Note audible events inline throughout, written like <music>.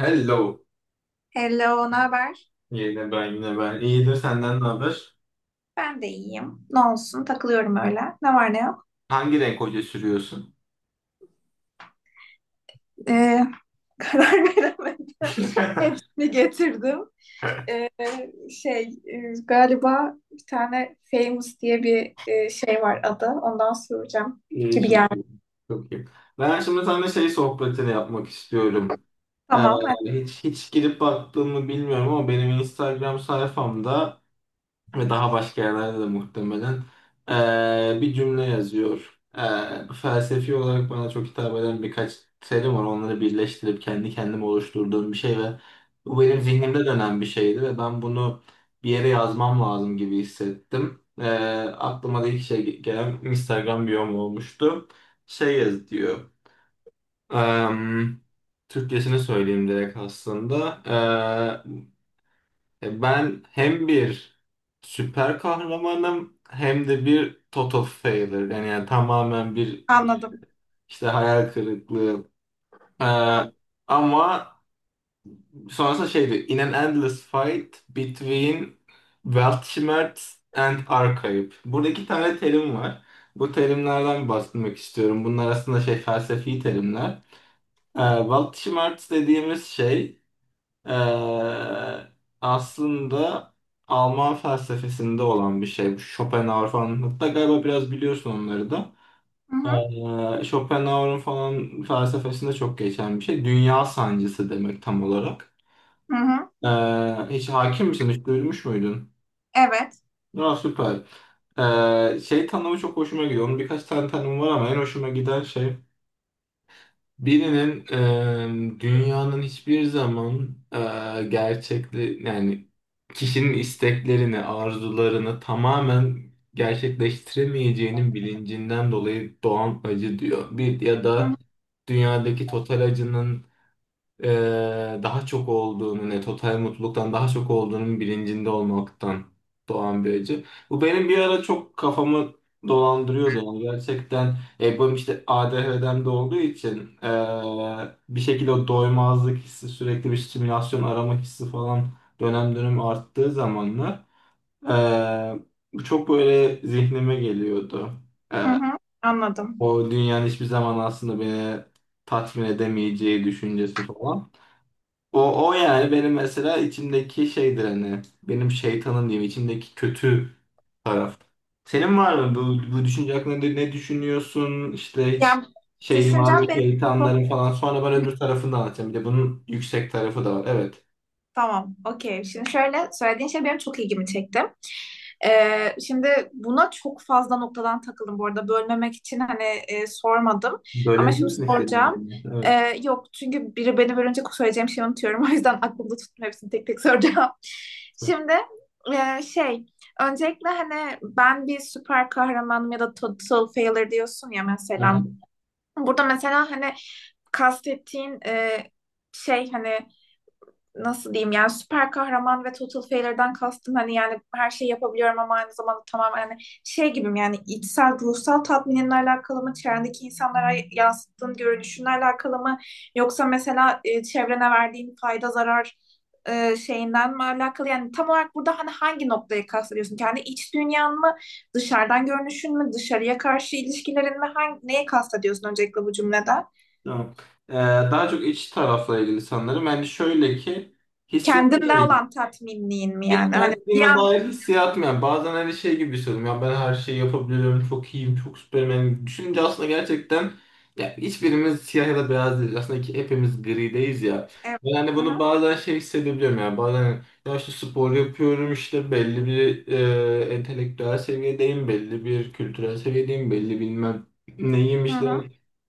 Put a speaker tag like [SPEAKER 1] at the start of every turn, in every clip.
[SPEAKER 1] Hello.
[SPEAKER 2] Hello, ne haber?
[SPEAKER 1] Yine ben. İyidir, senden ne haber?
[SPEAKER 2] Ben de iyiyim. Ne olsun, takılıyorum öyle. Ne var ne yok.
[SPEAKER 1] Hangi renk hoca sürüyorsun?
[SPEAKER 2] Ee, <laughs> karar veremedim.
[SPEAKER 1] <laughs>
[SPEAKER 2] Hepsini getirdim. Ee, şey, galiba bir tane Famous diye bir şey var adı. Ondan soracağım
[SPEAKER 1] İyi,
[SPEAKER 2] gibi
[SPEAKER 1] çok
[SPEAKER 2] geldi.
[SPEAKER 1] iyi. Çok iyi. Ben şimdi sana şey sohbetini yapmak istiyorum. Ee,
[SPEAKER 2] Tamam, hadi.
[SPEAKER 1] hiç girip baktığımı bilmiyorum ama benim Instagram sayfamda ve daha başka yerlerde de muhtemelen bir cümle yazıyor. Felsefi olarak bana çok hitap eden birkaç terim var. Onları birleştirip kendi kendime oluşturduğum bir şey ve bu benim zihnimde dönen bir şeydi ve ben bunu bir yere yazmam lazım gibi hissettim. Aklıma da ilk şey gelen Instagram biyom olmuştu. Şey yaz diyor. Eee Türkçesini söyleyeyim direkt aslında. Ben hem bir süper kahramanım hem de bir total failure. Yani tamamen bir
[SPEAKER 2] Anladım.
[SPEAKER 1] işte hayal kırıklığı. E,
[SPEAKER 2] An
[SPEAKER 1] Ama sonrasında şeydi. In an endless fight between Weltschmerz and Archetype. Burada iki tane terim var. Bu terimlerden bahsetmek istiyorum. Bunlar aslında şey felsefi terimler. Weltschmerz dediğimiz şey Ee, aslında Alman felsefesinde olan bir şey. Bu Schopenhauer falan. Hatta galiba biraz biliyorsun onları da.
[SPEAKER 2] hı hı,
[SPEAKER 1] Schopenhauer'un falan felsefesinde çok geçen bir şey. Dünya sancısı demek tam olarak.
[SPEAKER 2] hı hı.
[SPEAKER 1] Ee, Hiç hakim misin? Hiç duymuş muydun?
[SPEAKER 2] Evet.
[SPEAKER 1] Aa, süper. Şey tanımı çok hoşuma gidiyor. Onun birkaç tane tanımı var ama en hoşuma giden şey birinin dünyanın hiçbir zaman gerçekli yani kişinin isteklerini, arzularını tamamen gerçekleştiremeyeceğinin bilincinden dolayı doğan acı diyor. Bir ya
[SPEAKER 2] Hı hı,
[SPEAKER 1] da dünyadaki total acının daha çok olduğunu, ne total mutluluktan daha çok olduğunun bilincinde olmaktan doğan bir acı. Bu benim bir ara çok kafamı dolandırıyordu yani gerçekten benim işte ADHD'm de olduğu için bir şekilde o doymazlık hissi, sürekli bir stimülasyon arama hissi falan dönem dönem arttığı zamanlar e, bu çok böyle zihnime geliyordu. E,
[SPEAKER 2] hı hı. Anladım.
[SPEAKER 1] O dünyanın hiçbir zaman aslında beni tatmin edemeyeceği düşüncesi falan. O yani benim mesela içimdeki şeydir hani, benim şeytanım diyeyim, içimdeki kötü taraf. Senin var mı bu, bu düşünce hakkında ne düşünüyorsun işte, hiç
[SPEAKER 2] Yani
[SPEAKER 1] şeyin var mı
[SPEAKER 2] düşüncem benim
[SPEAKER 1] şeytanların
[SPEAKER 2] çok...
[SPEAKER 1] falan? Sonra ben öbür tarafını da anlatacağım, bir de bunun yüksek tarafı da var evet.
[SPEAKER 2] Tamam, okey. Şimdi şöyle, söylediğin şey benim çok ilgimi çekti. Şimdi buna çok fazla noktadan takıldım bu arada. Bölmemek için hani sormadım.
[SPEAKER 1] Böyle
[SPEAKER 2] Ama şimdi
[SPEAKER 1] bilirsin istediğin
[SPEAKER 2] soracağım.
[SPEAKER 1] gibi. Evet.
[SPEAKER 2] Yok, çünkü biri beni bölünce söyleyeceğim şeyi unutuyorum. <laughs> O yüzden aklımda tuttum, hepsini tek tek soracağım. <laughs> Şimdi şey, öncelikle hani ben bir süper kahramanım ya da total failure diyorsun ya mesela.
[SPEAKER 1] Aha,
[SPEAKER 2] Burada mesela hani kastettiğin şey, hani nasıl diyeyim, yani süper kahraman ve total failure'dan kastım hani, yani her şeyi yapabiliyorum ama aynı zamanda tamamen hani şey gibiyim, yani içsel ruhsal tatminimle alakalı mı, çevrendeki insanlara yansıttığın görünüşünle alakalı mı, yoksa mesela çevrene verdiğin fayda zarar şeyinden mi alakalı, yani tam olarak burada hani hangi noktayı kastediyorsun, kendi iç dünyan mı, dışarıdan görünüşün mü, dışarıya karşı ilişkilerin mi, neye kastediyorsun öncelikle bu cümlede,
[SPEAKER 1] tamam. Daha çok iç tarafla ilgili sanırım. Yani şöyle ki hissiyatla
[SPEAKER 2] kendinden
[SPEAKER 1] ilgili.
[SPEAKER 2] olan tatminliğin mi,
[SPEAKER 1] Pek
[SPEAKER 2] yani hani bir
[SPEAKER 1] kendime
[SPEAKER 2] an
[SPEAKER 1] dair hissiyatım yani. Bazen hani şey gibi hissediyorum. Ya ben her şeyi yapabiliyorum. Çok iyiyim. Çok süperim. Yani düşününce aslında gerçekten ya hiçbirimiz siyah ya da beyaz değiliz. Aslında ki hepimiz grideyiz ya.
[SPEAKER 2] evet.
[SPEAKER 1] Ben hani bunu
[SPEAKER 2] Aha.
[SPEAKER 1] bazen şey hissedebiliyorum yani. Bazen hani, ya işte spor yapıyorum, işte belli bir entelektüel seviyedeyim. Belli bir kültürel seviyedeyim. Belli bilmem neyim
[SPEAKER 2] Hı
[SPEAKER 1] işte.
[SPEAKER 2] hı,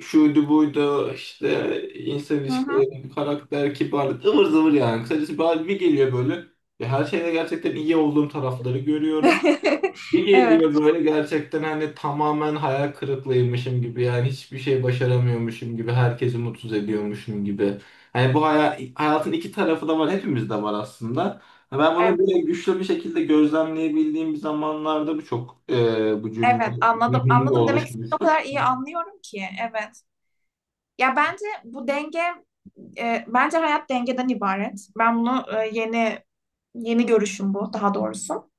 [SPEAKER 1] Şuydu buydu işte, insan
[SPEAKER 2] hı hı.
[SPEAKER 1] ilişkileri, karakter, kibarlık ıvır zıvır yani. Kısacası bir geliyor böyle. Ve her şeyde gerçekten iyi olduğum tarafları görüyorum.
[SPEAKER 2] <laughs>
[SPEAKER 1] Bir
[SPEAKER 2] Evet,
[SPEAKER 1] geliyor böyle gerçekten hani tamamen hayal kırıklığıymışım gibi yani hiçbir şey başaramıyormuşum gibi, herkesi mutsuz ediyormuşum gibi. Hani bu hayatın iki tarafı da var, hepimizde var aslında. Ha, ben
[SPEAKER 2] evet,
[SPEAKER 1] bunu böyle güçlü bir şekilde gözlemleyebildiğim bir zamanlarda bu çok bu cümle
[SPEAKER 2] evet, anladım.
[SPEAKER 1] zihnimde
[SPEAKER 2] Anladım, demek ki o
[SPEAKER 1] oluşmuştu.
[SPEAKER 2] kadar iyi anlıyorum ki. Evet. Ya bence bu denge, bence hayat dengeden ibaret. Ben bunu yeni yeni görüşüm bu, daha doğrusu.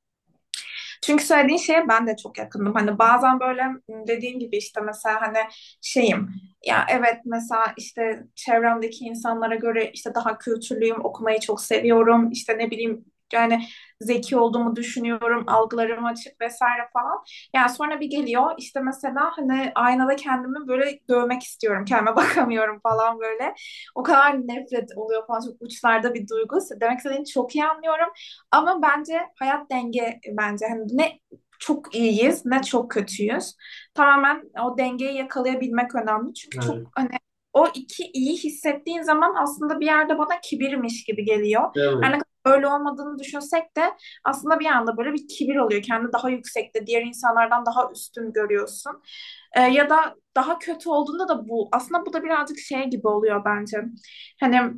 [SPEAKER 2] Çünkü söylediğin şeye ben de çok yakındım. Hani bazen böyle dediğin gibi işte mesela hani şeyim, ya evet mesela işte çevremdeki insanlara göre işte daha kültürlüyüm, okumayı çok seviyorum. İşte ne bileyim, yani zeki olduğumu düşünüyorum, algılarım açık vesaire falan. Yani sonra bir geliyor işte mesela hani aynada kendimi böyle dövmek istiyorum. Kendime <laughs> bakamıyorum falan böyle. O kadar nefret oluyor falan, çok uçlarda bir duygu. Demek istediğini çok iyi anlıyorum. Ama bence hayat denge, bence hani ne çok iyiyiz ne çok kötüyüz. Tamamen o dengeyi yakalayabilmek önemli. Çünkü çok
[SPEAKER 1] Evet.
[SPEAKER 2] hani o iki iyi hissettiğin zaman aslında bir yerde bana kibirmiş gibi geliyor. Her ne
[SPEAKER 1] Evet.
[SPEAKER 2] kadar öyle olmadığını düşünsek de aslında bir anda böyle bir kibir oluyor. Kendi daha yüksekte, diğer insanlardan daha üstün görüyorsun. Ya da daha kötü olduğunda da bu. Aslında bu da birazcık şey gibi oluyor bence. Hani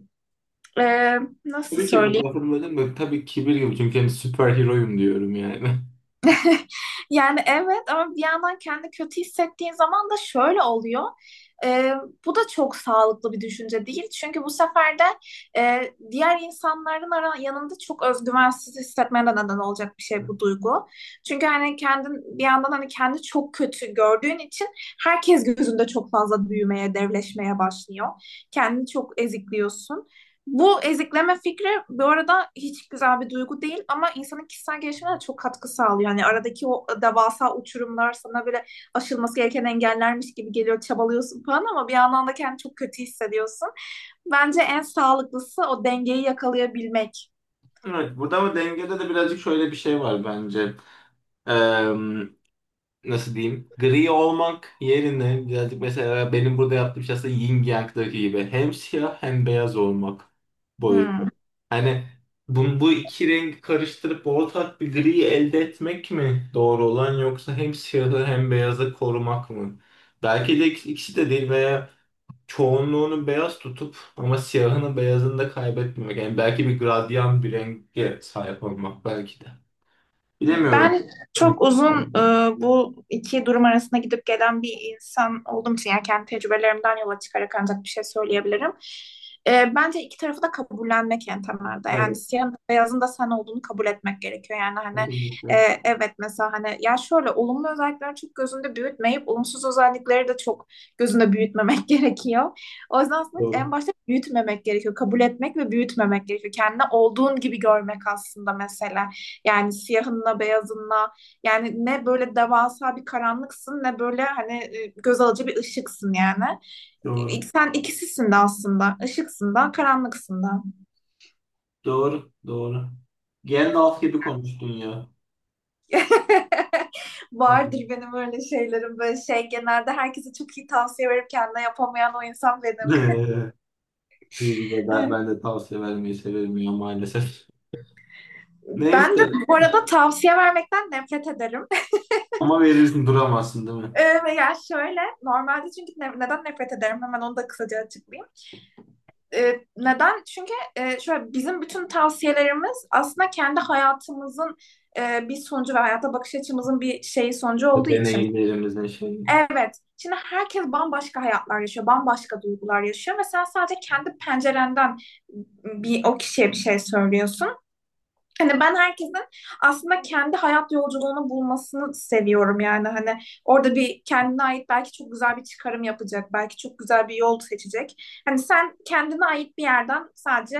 [SPEAKER 2] e, nasıl
[SPEAKER 1] Tabii ki bu
[SPEAKER 2] söyleyeyim?
[SPEAKER 1] lafın böyle tabii kibir gibi, çünkü hani süper heroyum diyorum yani.
[SPEAKER 2] Yani evet, ama bir yandan kendi kötü hissettiğin zaman da şöyle oluyor. Ee, Bu da çok sağlıklı bir düşünce değil. Çünkü bu sefer de e, diğer insanların yanında çok özgüvensiz hissetmene de neden olacak bir şey
[SPEAKER 1] <laughs>
[SPEAKER 2] bu duygu. Çünkü hani kendin bir yandan hani kendi çok kötü gördüğün için herkes gözünde çok fazla büyümeye, devleşmeye başlıyor. Kendini çok ezikliyorsun. Bu ezikleme fikri bu arada hiç güzel bir duygu değil, ama insanın kişisel gelişimine de çok katkı sağlıyor. Yani aradaki o devasa uçurumlar sana böyle aşılması gereken engellermiş gibi geliyor, çabalıyorsun falan, ama bir yandan da kendini çok kötü hissediyorsun. Bence en sağlıklısı o dengeyi yakalayabilmek.
[SPEAKER 1] Evet, burada ama dengede de birazcık şöyle bir şey var bence. Eee, Nasıl diyeyim? Gri olmak yerine birazcık mesela benim burada yaptığım şey aslında yin yang'daki gibi. Hem siyah hem beyaz olmak boyutu.
[SPEAKER 2] Hmm.
[SPEAKER 1] Hani bu iki rengi karıştırıp ortak bir griyi elde etmek mi doğru olan, yoksa hem siyahı hem beyazı korumak mı? Belki de ikisi de değil veya çoğunluğunu beyaz tutup ama siyahını beyazını da kaybetmemek. Yani belki bir gradyan bir renge sahip olmak belki de. Bilemiyorum.
[SPEAKER 2] Ben
[SPEAKER 1] Hı.
[SPEAKER 2] çok uzun bu iki durum arasında gidip gelen bir insan olduğum için, yani kendi tecrübelerimden yola çıkarak ancak bir şey söyleyebilirim. Bence iki tarafı da kabullenmek en temelde. Yani
[SPEAKER 1] Evet,
[SPEAKER 2] siyahın da beyazın da sen olduğunu kabul etmek gerekiyor. Yani hani e,
[SPEAKER 1] kesinlikle.
[SPEAKER 2] evet mesela hani, ya şöyle olumlu özellikleri çok gözünde büyütmeyip olumsuz özellikleri de çok gözünde büyütmemek <laughs> gerekiyor. O yüzden aslında en
[SPEAKER 1] Doğru,
[SPEAKER 2] başta büyütmemek gerekiyor. Kabul etmek ve büyütmemek gerekiyor. Kendini olduğun gibi görmek aslında mesela. Yani siyahınla beyazınla, yani ne böyle devasa bir karanlıksın, ne böyle hani göz alıcı bir ışıksın yani.
[SPEAKER 1] doğru,
[SPEAKER 2] Sen ikisisin de aslında. Işıksın da, karanlıksın da.
[SPEAKER 1] doğru, doğru. Gandalf gibi konuştun ya.
[SPEAKER 2] <laughs>
[SPEAKER 1] Evet.
[SPEAKER 2] Vardır benim öyle şeylerim, böyle şey genelde herkese çok iyi tavsiye verip kendine yapamayan o insan benim.
[SPEAKER 1] <laughs> Ben,
[SPEAKER 2] Evet.
[SPEAKER 1] ben de tavsiye vermeyi severim ya maalesef.
[SPEAKER 2] Ben de
[SPEAKER 1] Neyse
[SPEAKER 2] bu arada tavsiye vermekten nefret ederim. <laughs>
[SPEAKER 1] ama verirsin, duramazsın değil mi?
[SPEAKER 2] Ee, Ya şöyle, normalde çünkü neden nefret ederim hemen onu da kısaca açıklayayım. Neden? Çünkü şöyle, bizim bütün tavsiyelerimiz aslında kendi hayatımızın bir sonucu ve hayata bakış açımızın bir şeyi sonucu olduğu için.
[SPEAKER 1] Deneyimlerimizin şeyi
[SPEAKER 2] Evet. Şimdi herkes bambaşka hayatlar yaşıyor, bambaşka duygular yaşıyor ve sen sadece kendi pencerenden bir o kişiye bir şey söylüyorsun. Hani ben herkesin aslında kendi hayat yolculuğunu bulmasını seviyorum, yani hani orada bir kendine ait belki çok güzel bir çıkarım yapacak, belki çok güzel bir yol seçecek. Hani sen kendine ait bir yerden sadece,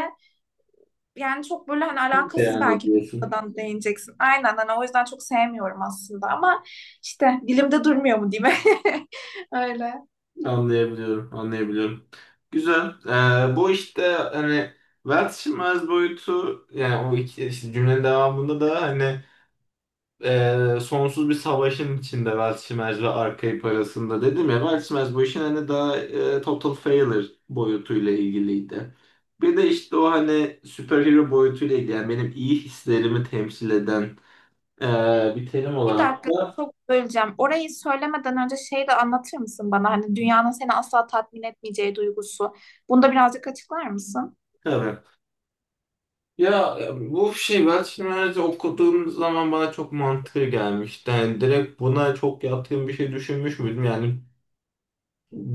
[SPEAKER 2] yani çok böyle hani alakasız
[SPEAKER 1] beyan
[SPEAKER 2] belki bir
[SPEAKER 1] ediyorsun.
[SPEAKER 2] noktadan değineceksin. Aynen, hani o yüzden çok sevmiyorum aslında, ama işte dilimde durmuyor mu diyeyim. <laughs> Öyle.
[SPEAKER 1] Anlayabiliyorum, anlayabiliyorum. Güzel. Bu işte hani vazgeçilmez boyutu yani o iki işte cümlenin devamında da hani sonsuz bir savaşın içinde vazgeçilmez ve Arkaip arasında dedim ya, vazgeçilmez bu işin hani daha total failure boyutuyla ilgiliydi. Bir de işte o hani superhero boyutuyla ilgili yani benim iyi hislerimi temsil eden e, bir terim
[SPEAKER 2] Bir
[SPEAKER 1] olarak
[SPEAKER 2] dakika,
[SPEAKER 1] da
[SPEAKER 2] çok böleceğim. Orayı söylemeden önce şey de anlatır mısın bana? Hani dünyanın seni asla tatmin etmeyeceği duygusu. Bunu da birazcık açıklar mısın?
[SPEAKER 1] tabii. Ya bu şey ben şimdi okuduğum zaman bana çok mantıklı gelmişti. Yani direkt buna çok yatkın bir şey düşünmüş müydüm? Yani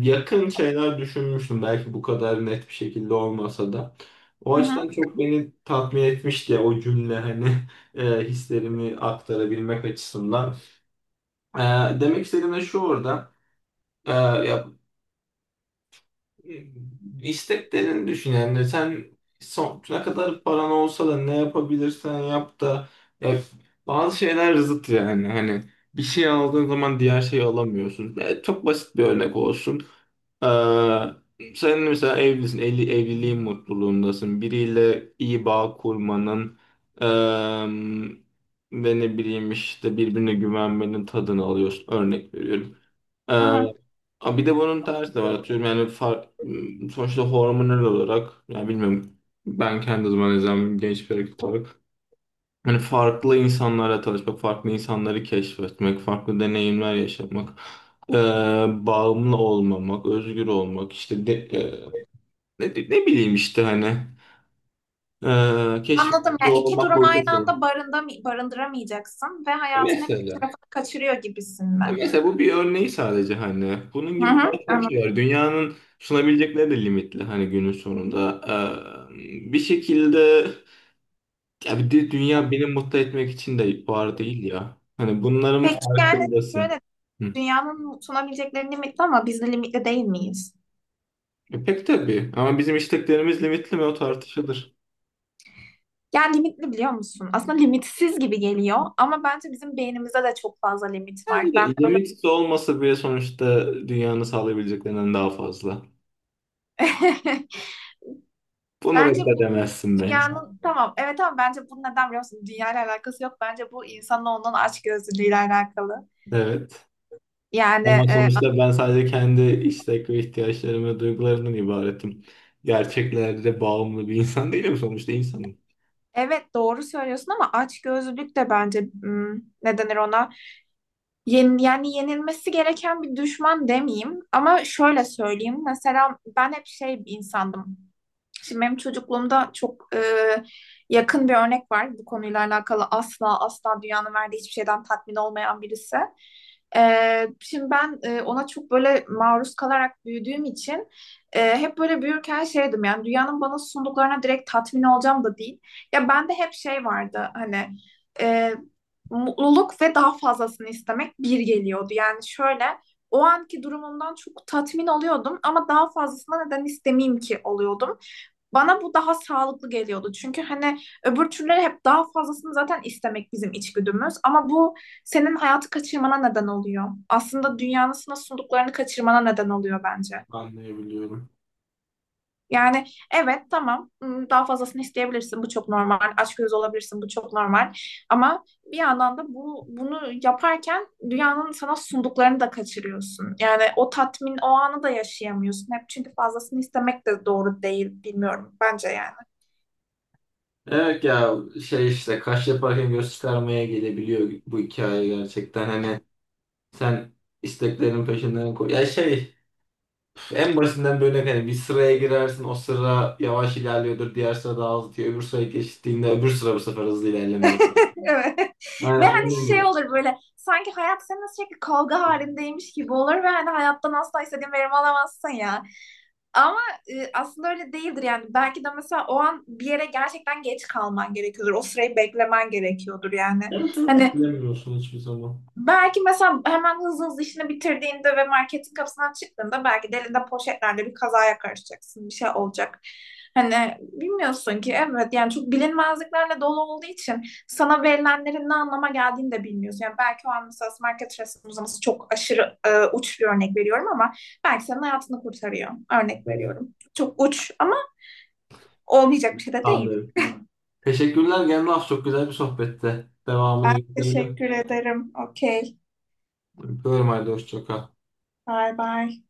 [SPEAKER 1] yakın şeyler düşünmüştüm. Belki bu kadar net bir şekilde olmasa da. O
[SPEAKER 2] Hı
[SPEAKER 1] açıdan
[SPEAKER 2] hı,
[SPEAKER 1] çok beni tatmin etmişti ya o cümle hani <laughs> hislerimi aktarabilmek açısından. E, Demek istediğim de şu orada. Ya isteklerini düşün yani sen sonuna kadar paran olsa da ne yapabilirsen yap da, ya bazı şeyler zıt yani hani bir şey aldığın zaman diğer şeyi alamıyorsun. Ya çok basit bir örnek olsun. Ee, Sen mesela evlisin, evli, evliliğin mutluluğundasın. Biriyle iyi bağ kurmanın eee ve ne bileyim işte birbirine güvenmenin tadını alıyorsun. Örnek veriyorum. Ee,
[SPEAKER 2] hı hı.
[SPEAKER 1] Ama bir de bunun tersi de var. Atıyorum yani sonuçta hormonal olarak yani bilmiyorum, ben kendi zaman izlem genç bir erkek olarak hani farklı insanlarla tanışmak, farklı insanları keşfetmek, farklı deneyimler yaşamak, ee, bağımlı olmamak, özgür olmak işte ne bileyim işte hani
[SPEAKER 2] Anladım.
[SPEAKER 1] keşfedici
[SPEAKER 2] Yani iki
[SPEAKER 1] olmak
[SPEAKER 2] durum
[SPEAKER 1] boyutu.
[SPEAKER 2] aynı anda barındıramayacaksın ve hayatın hep bir
[SPEAKER 1] Mesela.
[SPEAKER 2] tarafını kaçırıyor gibisin
[SPEAKER 1] Ya
[SPEAKER 2] mi?
[SPEAKER 1] mesela bu bir örneği sadece hani. Bunun
[SPEAKER 2] Hı
[SPEAKER 1] gibi daha
[SPEAKER 2] hı,
[SPEAKER 1] çok
[SPEAKER 2] anladım.
[SPEAKER 1] şey var. Dünyanın sunabilecekleri de limitli hani günün sonunda. Bir şekilde ya bir de dünya beni mutlu etmek için de var değil ya. Hani bunların
[SPEAKER 2] Peki yani
[SPEAKER 1] farkındasın.
[SPEAKER 2] şöyle,
[SPEAKER 1] Hı.
[SPEAKER 2] dünyanın sunabilecekleri limitli ama biz de limitli değil miyiz?
[SPEAKER 1] E pek tabii ama bizim isteklerimiz limitli mi, o tartışılır.
[SPEAKER 2] Yani limitli, biliyor musun? Aslında limitsiz gibi geliyor ama bence bizim beynimizde de çok fazla limit var.
[SPEAKER 1] Yani
[SPEAKER 2] Ben
[SPEAKER 1] de
[SPEAKER 2] öyle
[SPEAKER 1] limitsiz olmasa bile sonuçta dünyanın sağlayabileceklerinden daha fazla.
[SPEAKER 2] <laughs>
[SPEAKER 1] Bunu
[SPEAKER 2] bence bu
[SPEAKER 1] reddedemezsin bence.
[SPEAKER 2] dünyanın, tamam evet, ama bence bu neden biliyor musun? Dünyayla alakası yok. Bence bu insanın olan açgözlülüğüyle alakalı.
[SPEAKER 1] Evet.
[SPEAKER 2] Yani
[SPEAKER 1] Ama sonuçta ben sadece kendi istek ve ihtiyaçlarım ve duygularımdan ibaretim. Gerçeklerde bağımlı bir insan değilim, sonuçta insanım.
[SPEAKER 2] evet doğru söylüyorsun, ama açgözlülük de bence ne denir ona? Yani yenilmesi gereken bir düşman demeyeyim, ama şöyle söyleyeyim. Mesela ben hep şey bir insandım. Şimdi benim çocukluğumda çok yakın bir örnek var. Bu konuyla alakalı asla asla dünyanın verdiği hiçbir şeyden tatmin olmayan birisi. Şimdi ben ona çok böyle maruz kalarak büyüdüğüm için hep böyle büyürken şeydim, yani dünyanın bana sunduklarına direkt tatmin olacağım da değil. Ya bende hep şey vardı hani, e, mutluluk ve daha fazlasını istemek bir geliyordu. Yani şöyle, o anki durumumdan çok tatmin oluyordum ama daha fazlasına neden istemeyeyim ki oluyordum. Bana bu daha sağlıklı geliyordu. Çünkü hani öbür türleri hep daha fazlasını zaten istemek bizim içgüdümüz. Ama bu senin hayatı kaçırmana neden oluyor. Aslında dünyanın sana sunduklarını kaçırmana neden oluyor bence.
[SPEAKER 1] Anlayabiliyorum.
[SPEAKER 2] Yani evet tamam, daha fazlasını isteyebilirsin, bu çok normal. Açgözlü olabilirsin, bu çok normal. Ama bir yandan da bu, bunu yaparken dünyanın sana sunduklarını da kaçırıyorsun. Yani o tatmin o anı da yaşayamıyorsun. Hep çünkü fazlasını istemek de doğru değil, bilmiyorum bence yani.
[SPEAKER 1] Evet ya, şey işte kaş yaparken göz çıkarmaya gelebiliyor bu hikaye gerçekten. Hani sen isteklerin peşinden koy. Ya şey en basitinden bir örnek, hani bir sıraya girersin, o sıra yavaş ilerliyordur, diğer sıra daha hızlı diyor. Öbür sıraya geçtiğinde öbür sıra bu sefer hızlı ilerlemeye başlıyor.
[SPEAKER 2] <laughs> Evet.
[SPEAKER 1] Yani
[SPEAKER 2] Ve hani
[SPEAKER 1] onu
[SPEAKER 2] şey
[SPEAKER 1] diyor.
[SPEAKER 2] olur böyle, sanki hayat seninle sürekli kavga halindeymiş gibi olur ve hani hayattan asla istediğin verimi alamazsın ya. Ama aslında öyle değildir yani. Belki de mesela o an bir yere gerçekten geç kalman gerekiyordur. O sırayı beklemen gerekiyordur yani.
[SPEAKER 1] Evet, evet,
[SPEAKER 2] Hani
[SPEAKER 1] bilemiyorsun hiçbir zaman.
[SPEAKER 2] belki mesela hemen hızlı hızlı işini bitirdiğinde ve marketin kapısından çıktığında belki de elinde poşetlerle bir kazaya karışacaksın. Bir şey olacak. Hani bilmiyorsun ki, evet yani çok bilinmezliklerle dolu olduğu için sana verilenlerin ne anlama geldiğini de bilmiyorsun. Yani belki o an mesela market resim uzaması çok aşırı, uç bir örnek veriyorum ama belki senin hayatını kurtarıyor. Örnek
[SPEAKER 1] Evet.
[SPEAKER 2] veriyorum. Çok uç ama olmayacak bir şey de değil.
[SPEAKER 1] Anlıyorum. Teşekkürler Gemraf. Çok güzel bir sohbette.
[SPEAKER 2] Ben
[SPEAKER 1] Devamını getirelim.
[SPEAKER 2] teşekkür ederim. Okey.
[SPEAKER 1] Öpüyorum halde. Hoşça kal.
[SPEAKER 2] Bye bye.